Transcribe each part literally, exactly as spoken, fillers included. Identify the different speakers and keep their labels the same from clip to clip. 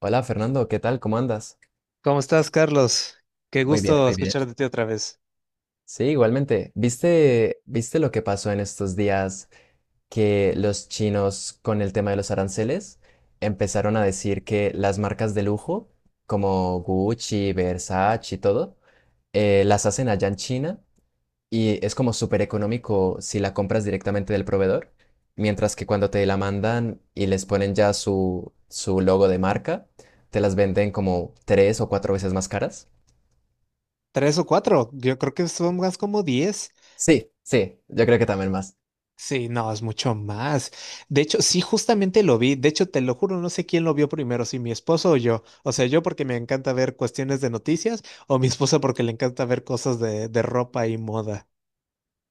Speaker 1: Hola Fernando, ¿qué tal? ¿Cómo andas?
Speaker 2: ¿Cómo estás, Carlos? ¡Qué
Speaker 1: Muy bien,
Speaker 2: gusto
Speaker 1: muy bien.
Speaker 2: escuchar de ti otra vez!
Speaker 1: Sí, igualmente. ¿Viste, viste lo que pasó en estos días que los chinos con el tema de los aranceles empezaron a decir que las marcas de lujo como Gucci, Versace y todo eh, las hacen allá en China y es como súper económico si la compras directamente del proveedor, mientras que cuando te la mandan y les ponen ya su, su logo de marca, te las venden como tres o cuatro veces más caras.
Speaker 2: ¿Tres o cuatro? Yo creo que son más como diez.
Speaker 1: Sí, sí, yo creo que también más.
Speaker 2: Sí, no, es mucho más. De hecho, sí, justamente lo vi. De hecho, te lo juro, no sé quién lo vio primero, si mi esposo o yo. O sea, yo porque me encanta ver cuestiones de noticias, o mi esposa porque le encanta ver cosas de, de ropa y moda.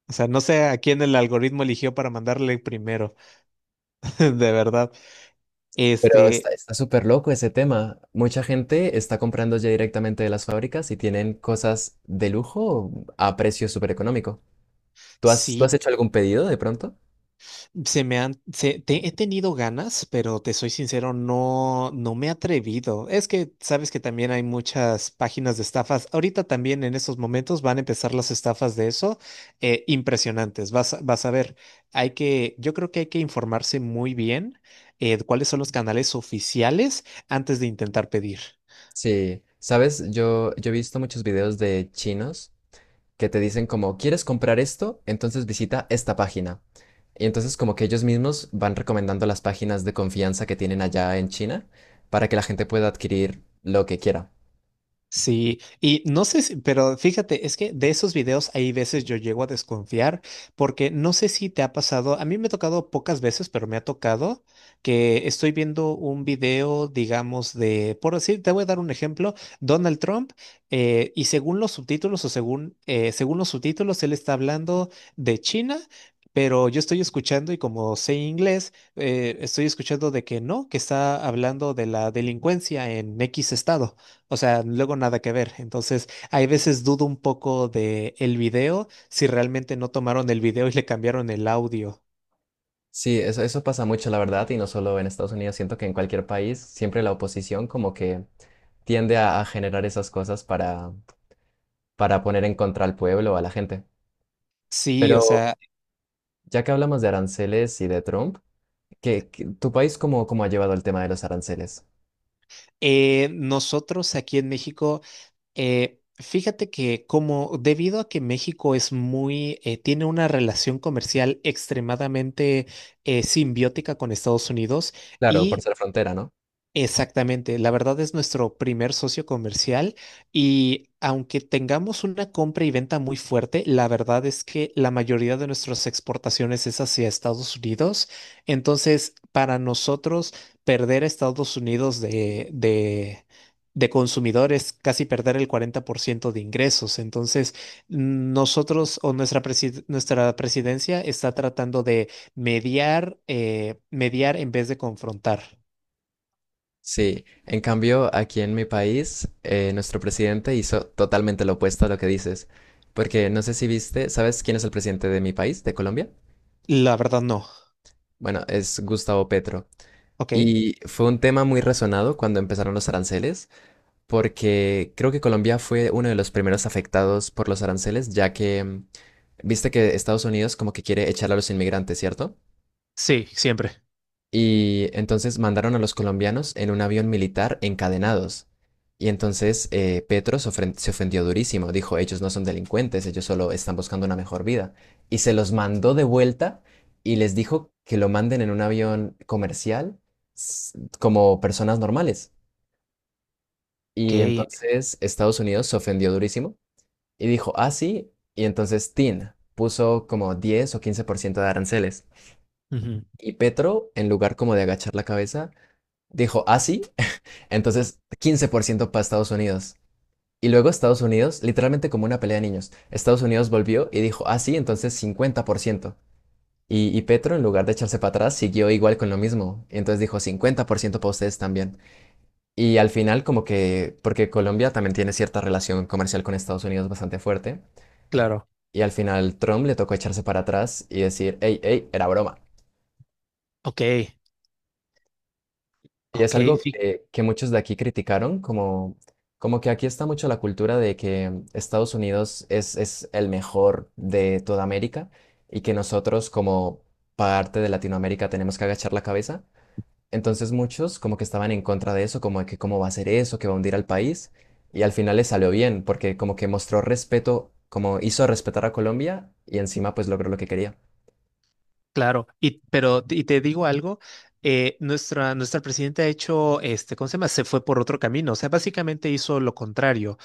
Speaker 2: O sea, no sé a quién el algoritmo eligió para mandarle primero, de verdad.
Speaker 1: Pero
Speaker 2: Este,
Speaker 1: está, está súper loco ese tema. Mucha gente está comprando ya directamente de las fábricas y tienen cosas de lujo a precio súper económico. ¿Tú has, tú has
Speaker 2: sí.
Speaker 1: hecho algún pedido de pronto?
Speaker 2: Se me han, se- te- He tenido ganas, pero te soy sincero, no, no me he atrevido. Es que sabes que también hay muchas páginas de estafas. Ahorita también en estos momentos van a empezar las estafas de eso, eh, impresionantes. Vas, a- vas a ver. Hay que, yo creo que hay que informarse muy bien, eh, cuáles son los canales oficiales antes de intentar pedir.
Speaker 1: Sí, sabes, yo, yo he visto muchos videos de chinos que te dicen como, ¿quieres comprar esto? Entonces visita esta página. Y entonces como que ellos mismos van recomendando las páginas de confianza que tienen allá en China para que la gente pueda adquirir lo que quiera.
Speaker 2: Sí, y no sé si, pero fíjate, es que de esos videos hay veces yo llego a desconfiar, porque no sé si te ha pasado, a mí me ha tocado pocas veces, pero me ha tocado que estoy viendo un video, digamos, de, por decir, te voy a dar un ejemplo: Donald Trump. Eh, y según los subtítulos o según, eh, según los subtítulos, él está hablando de China. Pero yo estoy escuchando y como sé inglés, eh, estoy escuchando de que no, que está hablando de la delincuencia en X estado. O sea, luego nada que ver. Entonces, hay veces dudo un poco de el video, si realmente no tomaron el video y le cambiaron el audio.
Speaker 1: Sí, eso, eso pasa mucho, la verdad, y no solo en Estados Unidos, siento que en cualquier país siempre la oposición como que tiende a, a generar esas cosas para, para poner en contra al pueblo o a la gente.
Speaker 2: Sí, o
Speaker 1: Pero
Speaker 2: sea,
Speaker 1: ya que hablamos de aranceles y de Trump, ¿qué, qué- tu país cómo, cómo ha llevado el tema de los aranceles?
Speaker 2: eh, nosotros aquí en México, eh, fíjate que como debido a que México es muy, eh, tiene una relación comercial extremadamente eh, simbiótica con Estados Unidos
Speaker 1: Claro, por
Speaker 2: y,
Speaker 1: ser frontera, ¿no?
Speaker 2: exactamente, la verdad es nuestro primer socio comercial, y aunque tengamos una compra y venta muy fuerte, la verdad es que la mayoría de nuestras exportaciones es hacia Estados Unidos. Entonces, para nosotros, perder a Estados Unidos de, de, de consumidores, casi perder el cuarenta por ciento de ingresos. Entonces, nosotros o nuestra, presi- nuestra presidencia está tratando de mediar, eh, mediar en vez de confrontar.
Speaker 1: Sí, en cambio, aquí en mi país, eh, nuestro presidente hizo totalmente lo opuesto a lo que dices, porque no sé si viste, ¿sabes quién es el presidente de mi país, de Colombia?
Speaker 2: La verdad no.
Speaker 1: Bueno, es Gustavo Petro.
Speaker 2: Ok.
Speaker 1: Y fue un tema muy resonado cuando empezaron los aranceles, porque creo que Colombia fue uno de los primeros afectados por los aranceles, ya que mm, viste que Estados Unidos como que quiere echar a los inmigrantes, ¿cierto?
Speaker 2: Sí, siempre.
Speaker 1: Y entonces mandaron a los colombianos en un avión militar encadenados. Y entonces eh, Petro se ofren- se ofendió durísimo. Dijo, ellos no son delincuentes, ellos solo están buscando una mejor vida. Y se los mandó de vuelta y les dijo que lo manden en un avión comercial s- como personas normales.
Speaker 2: Ok.
Speaker 1: Y entonces Estados Unidos se ofendió durísimo y dijo, ah, sí. Y entonces Tin puso como diez o quince por ciento de aranceles.
Speaker 2: ujú,
Speaker 1: Y Petro, en lugar como de agachar la cabeza, dijo, ah, sí. Entonces, quince por ciento para Estados Unidos. Y luego Estados Unidos, literalmente como una pelea de niños, Estados Unidos volvió y dijo, ah, sí, entonces cincuenta por ciento. Y, y Petro, en lugar de echarse para atrás, siguió igual con lo mismo. Entonces dijo cincuenta por ciento para ustedes también. Y al final, como que, porque Colombia también tiene cierta relación comercial con Estados Unidos bastante fuerte.
Speaker 2: Claro.
Speaker 1: Y al final, Trump le tocó echarse para atrás y decir, hey, hey, era broma.
Speaker 2: Ok.
Speaker 1: Y es
Speaker 2: Ok.
Speaker 1: algo
Speaker 2: Sí,
Speaker 1: que, que muchos de aquí criticaron, como, como que aquí está mucho la cultura de que Estados Unidos es, es el mejor de toda América y que nosotros como parte de Latinoamérica tenemos que agachar la cabeza. Entonces muchos como que estaban en contra de eso, como de que cómo va a ser eso, que va a hundir al país. Y al final le salió bien, porque como que mostró respeto, como hizo respetar a Colombia y encima pues logró lo que quería.
Speaker 2: claro. Y, pero, y te digo algo, eh, nuestra, nuestra presidenta ha hecho, este, ¿cómo se llama? Se fue por otro camino. O sea, básicamente hizo lo contrario.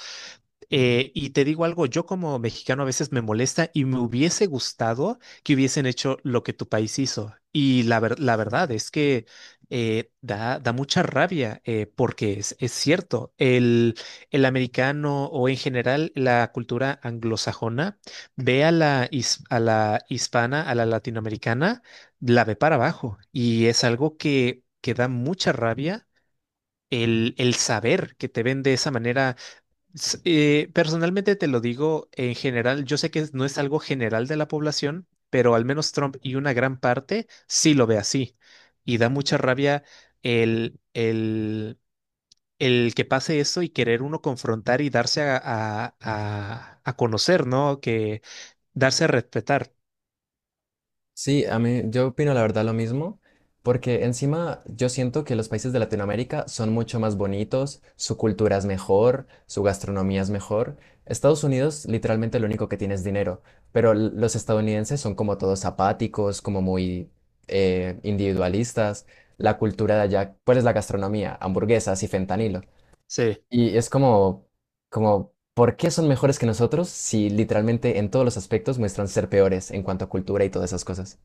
Speaker 2: Eh, y te digo algo, yo como mexicano a veces me molesta y me hubiese gustado que hubiesen hecho lo que tu país hizo. Y la, ver- la verdad es que eh, da, da mucha rabia, eh, porque es, es cierto, el, el americano o en general la cultura anglosajona ve a la, his- a la hispana, a la latinoamericana, la ve para abajo. Y es algo que, que da mucha rabia el, el saber que te ven de esa manera. S- eh, personalmente te lo digo, en general, yo sé que no es algo general de la población, pero al menos Trump y una gran parte sí lo ve así. Y da mucha rabia el, el, el que pase esto, y querer uno confrontar y darse a, a, a- a conocer, ¿no? Que darse a respetar.
Speaker 1: Sí, a mí, yo opino la verdad lo mismo, porque encima yo siento que los países de Latinoamérica son mucho más bonitos, su cultura es mejor, su gastronomía es mejor. Estados Unidos literalmente lo único que tiene es dinero, pero l- los estadounidenses son como todos apáticos, como muy eh, individualistas. La cultura de allá, ¿cuál es la gastronomía? Hamburguesas y fentanilo.
Speaker 2: Sí.
Speaker 1: Y es como, como, ¿por qué son mejores que nosotros si literalmente en todos los aspectos muestran ser peores en cuanto a cultura y todas esas cosas?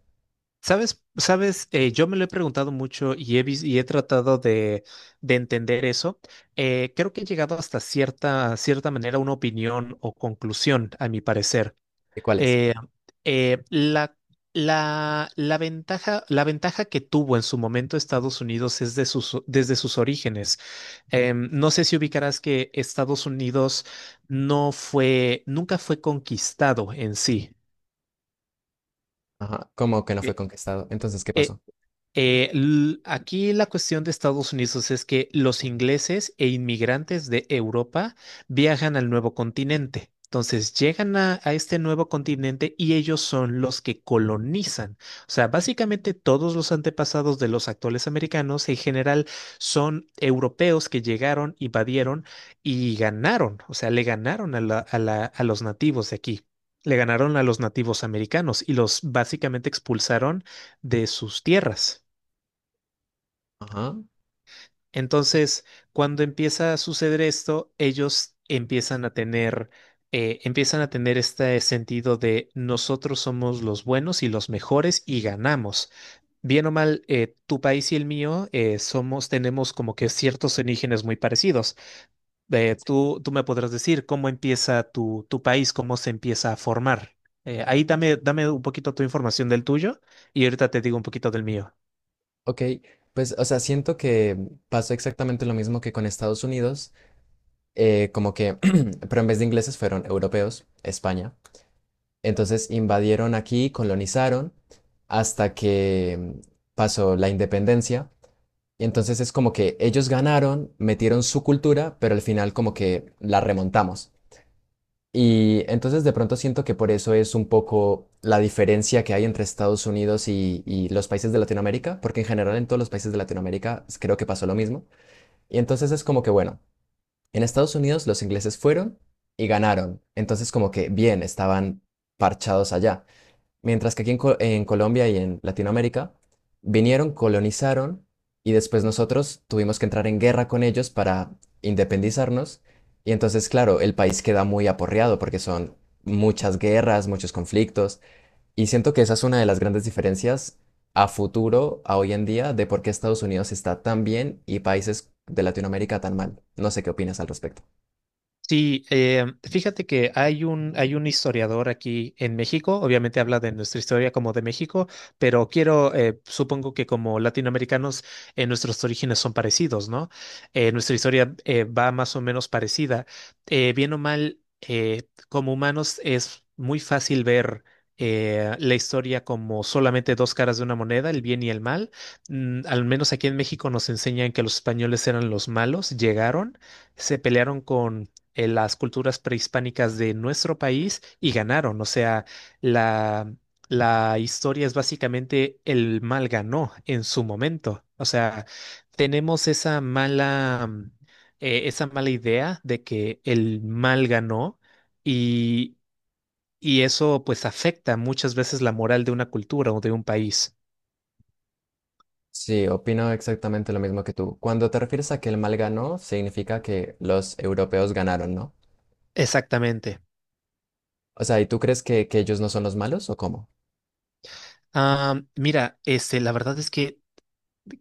Speaker 2: Sabes, sabes, eh, yo me lo he preguntado mucho y he, vis- y he tratado de, de entender eso. Eh, creo que he llegado hasta cierta, cierta manera a una opinión o conclusión, a mi parecer.
Speaker 1: ¿De cuál es?
Speaker 2: Eh, eh, la, la, la ventaja, la ventaja que tuvo en su momento Estados Unidos es de sus, desde sus orígenes. Em, no sé si ubicarás que Estados Unidos no fue, nunca fue conquistado en sí.
Speaker 1: Ajá, como que no fue
Speaker 2: Eh,
Speaker 1: conquistado. Entonces, ¿qué
Speaker 2: eh,
Speaker 1: pasó?
Speaker 2: Eh, l- aquí la cuestión de Estados Unidos es que los ingleses e inmigrantes de Europa viajan al nuevo continente. Entonces llegan a, a este nuevo continente y ellos son los que colonizan. O sea, básicamente todos los antepasados de los actuales americanos en general son europeos que llegaron, invadieron y ganaron. O sea, le ganaron a la- a la- a los nativos de aquí. Le ganaron a los nativos americanos y los básicamente expulsaron de sus tierras.
Speaker 1: Ajá,
Speaker 2: Entonces, cuando empieza a suceder esto, ellos empiezan a tener, eh, empiezan a tener este sentido de nosotros somos los buenos y los mejores y ganamos. Bien o mal, eh, tu país y el mío, eh, somos, tenemos como que ciertos orígenes muy parecidos. Eh, tú, tú me podrás decir cómo empieza tu, tu país, cómo se empieza a formar. Eh, ahí dame, dame un poquito tu información del tuyo y ahorita te digo un poquito del mío.
Speaker 1: ok. Pues, o sea, siento que pasó exactamente lo mismo que con Estados Unidos, eh, como que, pero en vez de ingleses fueron europeos, España. Entonces invadieron aquí, colonizaron, hasta que mm, pasó la independencia. Y entonces es como que ellos ganaron, metieron su cultura, pero al final como que la remontamos. Y entonces de pronto siento que por eso es un poco la diferencia que hay entre Estados Unidos y, y los países de Latinoamérica, porque en general en todos los países de Latinoamérica s- creo que pasó lo mismo. Y entonces es como que, bueno, en Estados Unidos los ingleses fueron y ganaron. Entonces como que bien, estaban parchados allá. Mientras que aquí en, Co- en Colombia y en Latinoamérica vinieron, colonizaron y después nosotros tuvimos que entrar en guerra con ellos para independizarnos. Y entonces, claro, el país queda muy aporreado porque son muchas guerras, muchos conflictos. Y siento que esa es una de las grandes diferencias a futuro, a hoy en día, de por qué Estados Unidos está tan bien y países de Latinoamérica tan mal. No sé qué opinas al respecto.
Speaker 2: Sí, eh, fíjate que hay un, hay un historiador aquí en México, obviamente habla de nuestra historia como de México, pero quiero, eh, supongo que como latinoamericanos, eh, nuestros orígenes son parecidos, ¿no? Eh, nuestra historia, eh, va más o menos parecida. Eh, bien o mal, eh, como humanos es muy fácil ver, eh, la historia como solamente dos caras de una moneda, el bien y el mal. Mm, al menos aquí en México nos enseñan que los españoles eran los malos, llegaron, se pelearon con en las culturas prehispánicas de nuestro país y ganaron. O sea, la, la historia es básicamente el mal ganó en su momento. O sea, tenemos esa mala, mm, eh, esa mala idea de que el mal ganó, y, y eso pues afecta muchas veces la moral de una cultura o de un país.
Speaker 1: Sí, opino exactamente lo mismo que tú. Cuando te refieres a que el mal ganó, significa que los europeos ganaron, ¿no?
Speaker 2: Exactamente.
Speaker 1: O sea, ¿y tú crees que, que ellos no son los malos o cómo?
Speaker 2: Ah, mira, este, la verdad es que,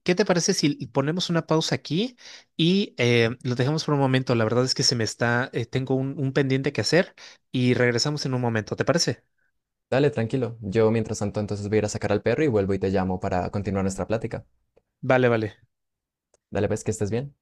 Speaker 2: ¿qué te parece si ponemos una pausa aquí y eh, lo dejamos por un momento? La verdad es que se me está, eh, tengo un, un pendiente que hacer y regresamos en un momento. ¿Te parece?
Speaker 1: Dale, tranquilo. Yo mientras tanto entonces voy a ir a sacar al perro y vuelvo y te llamo para continuar nuestra plática.
Speaker 2: Vale, vale.
Speaker 1: Dale, pues, que estés bien.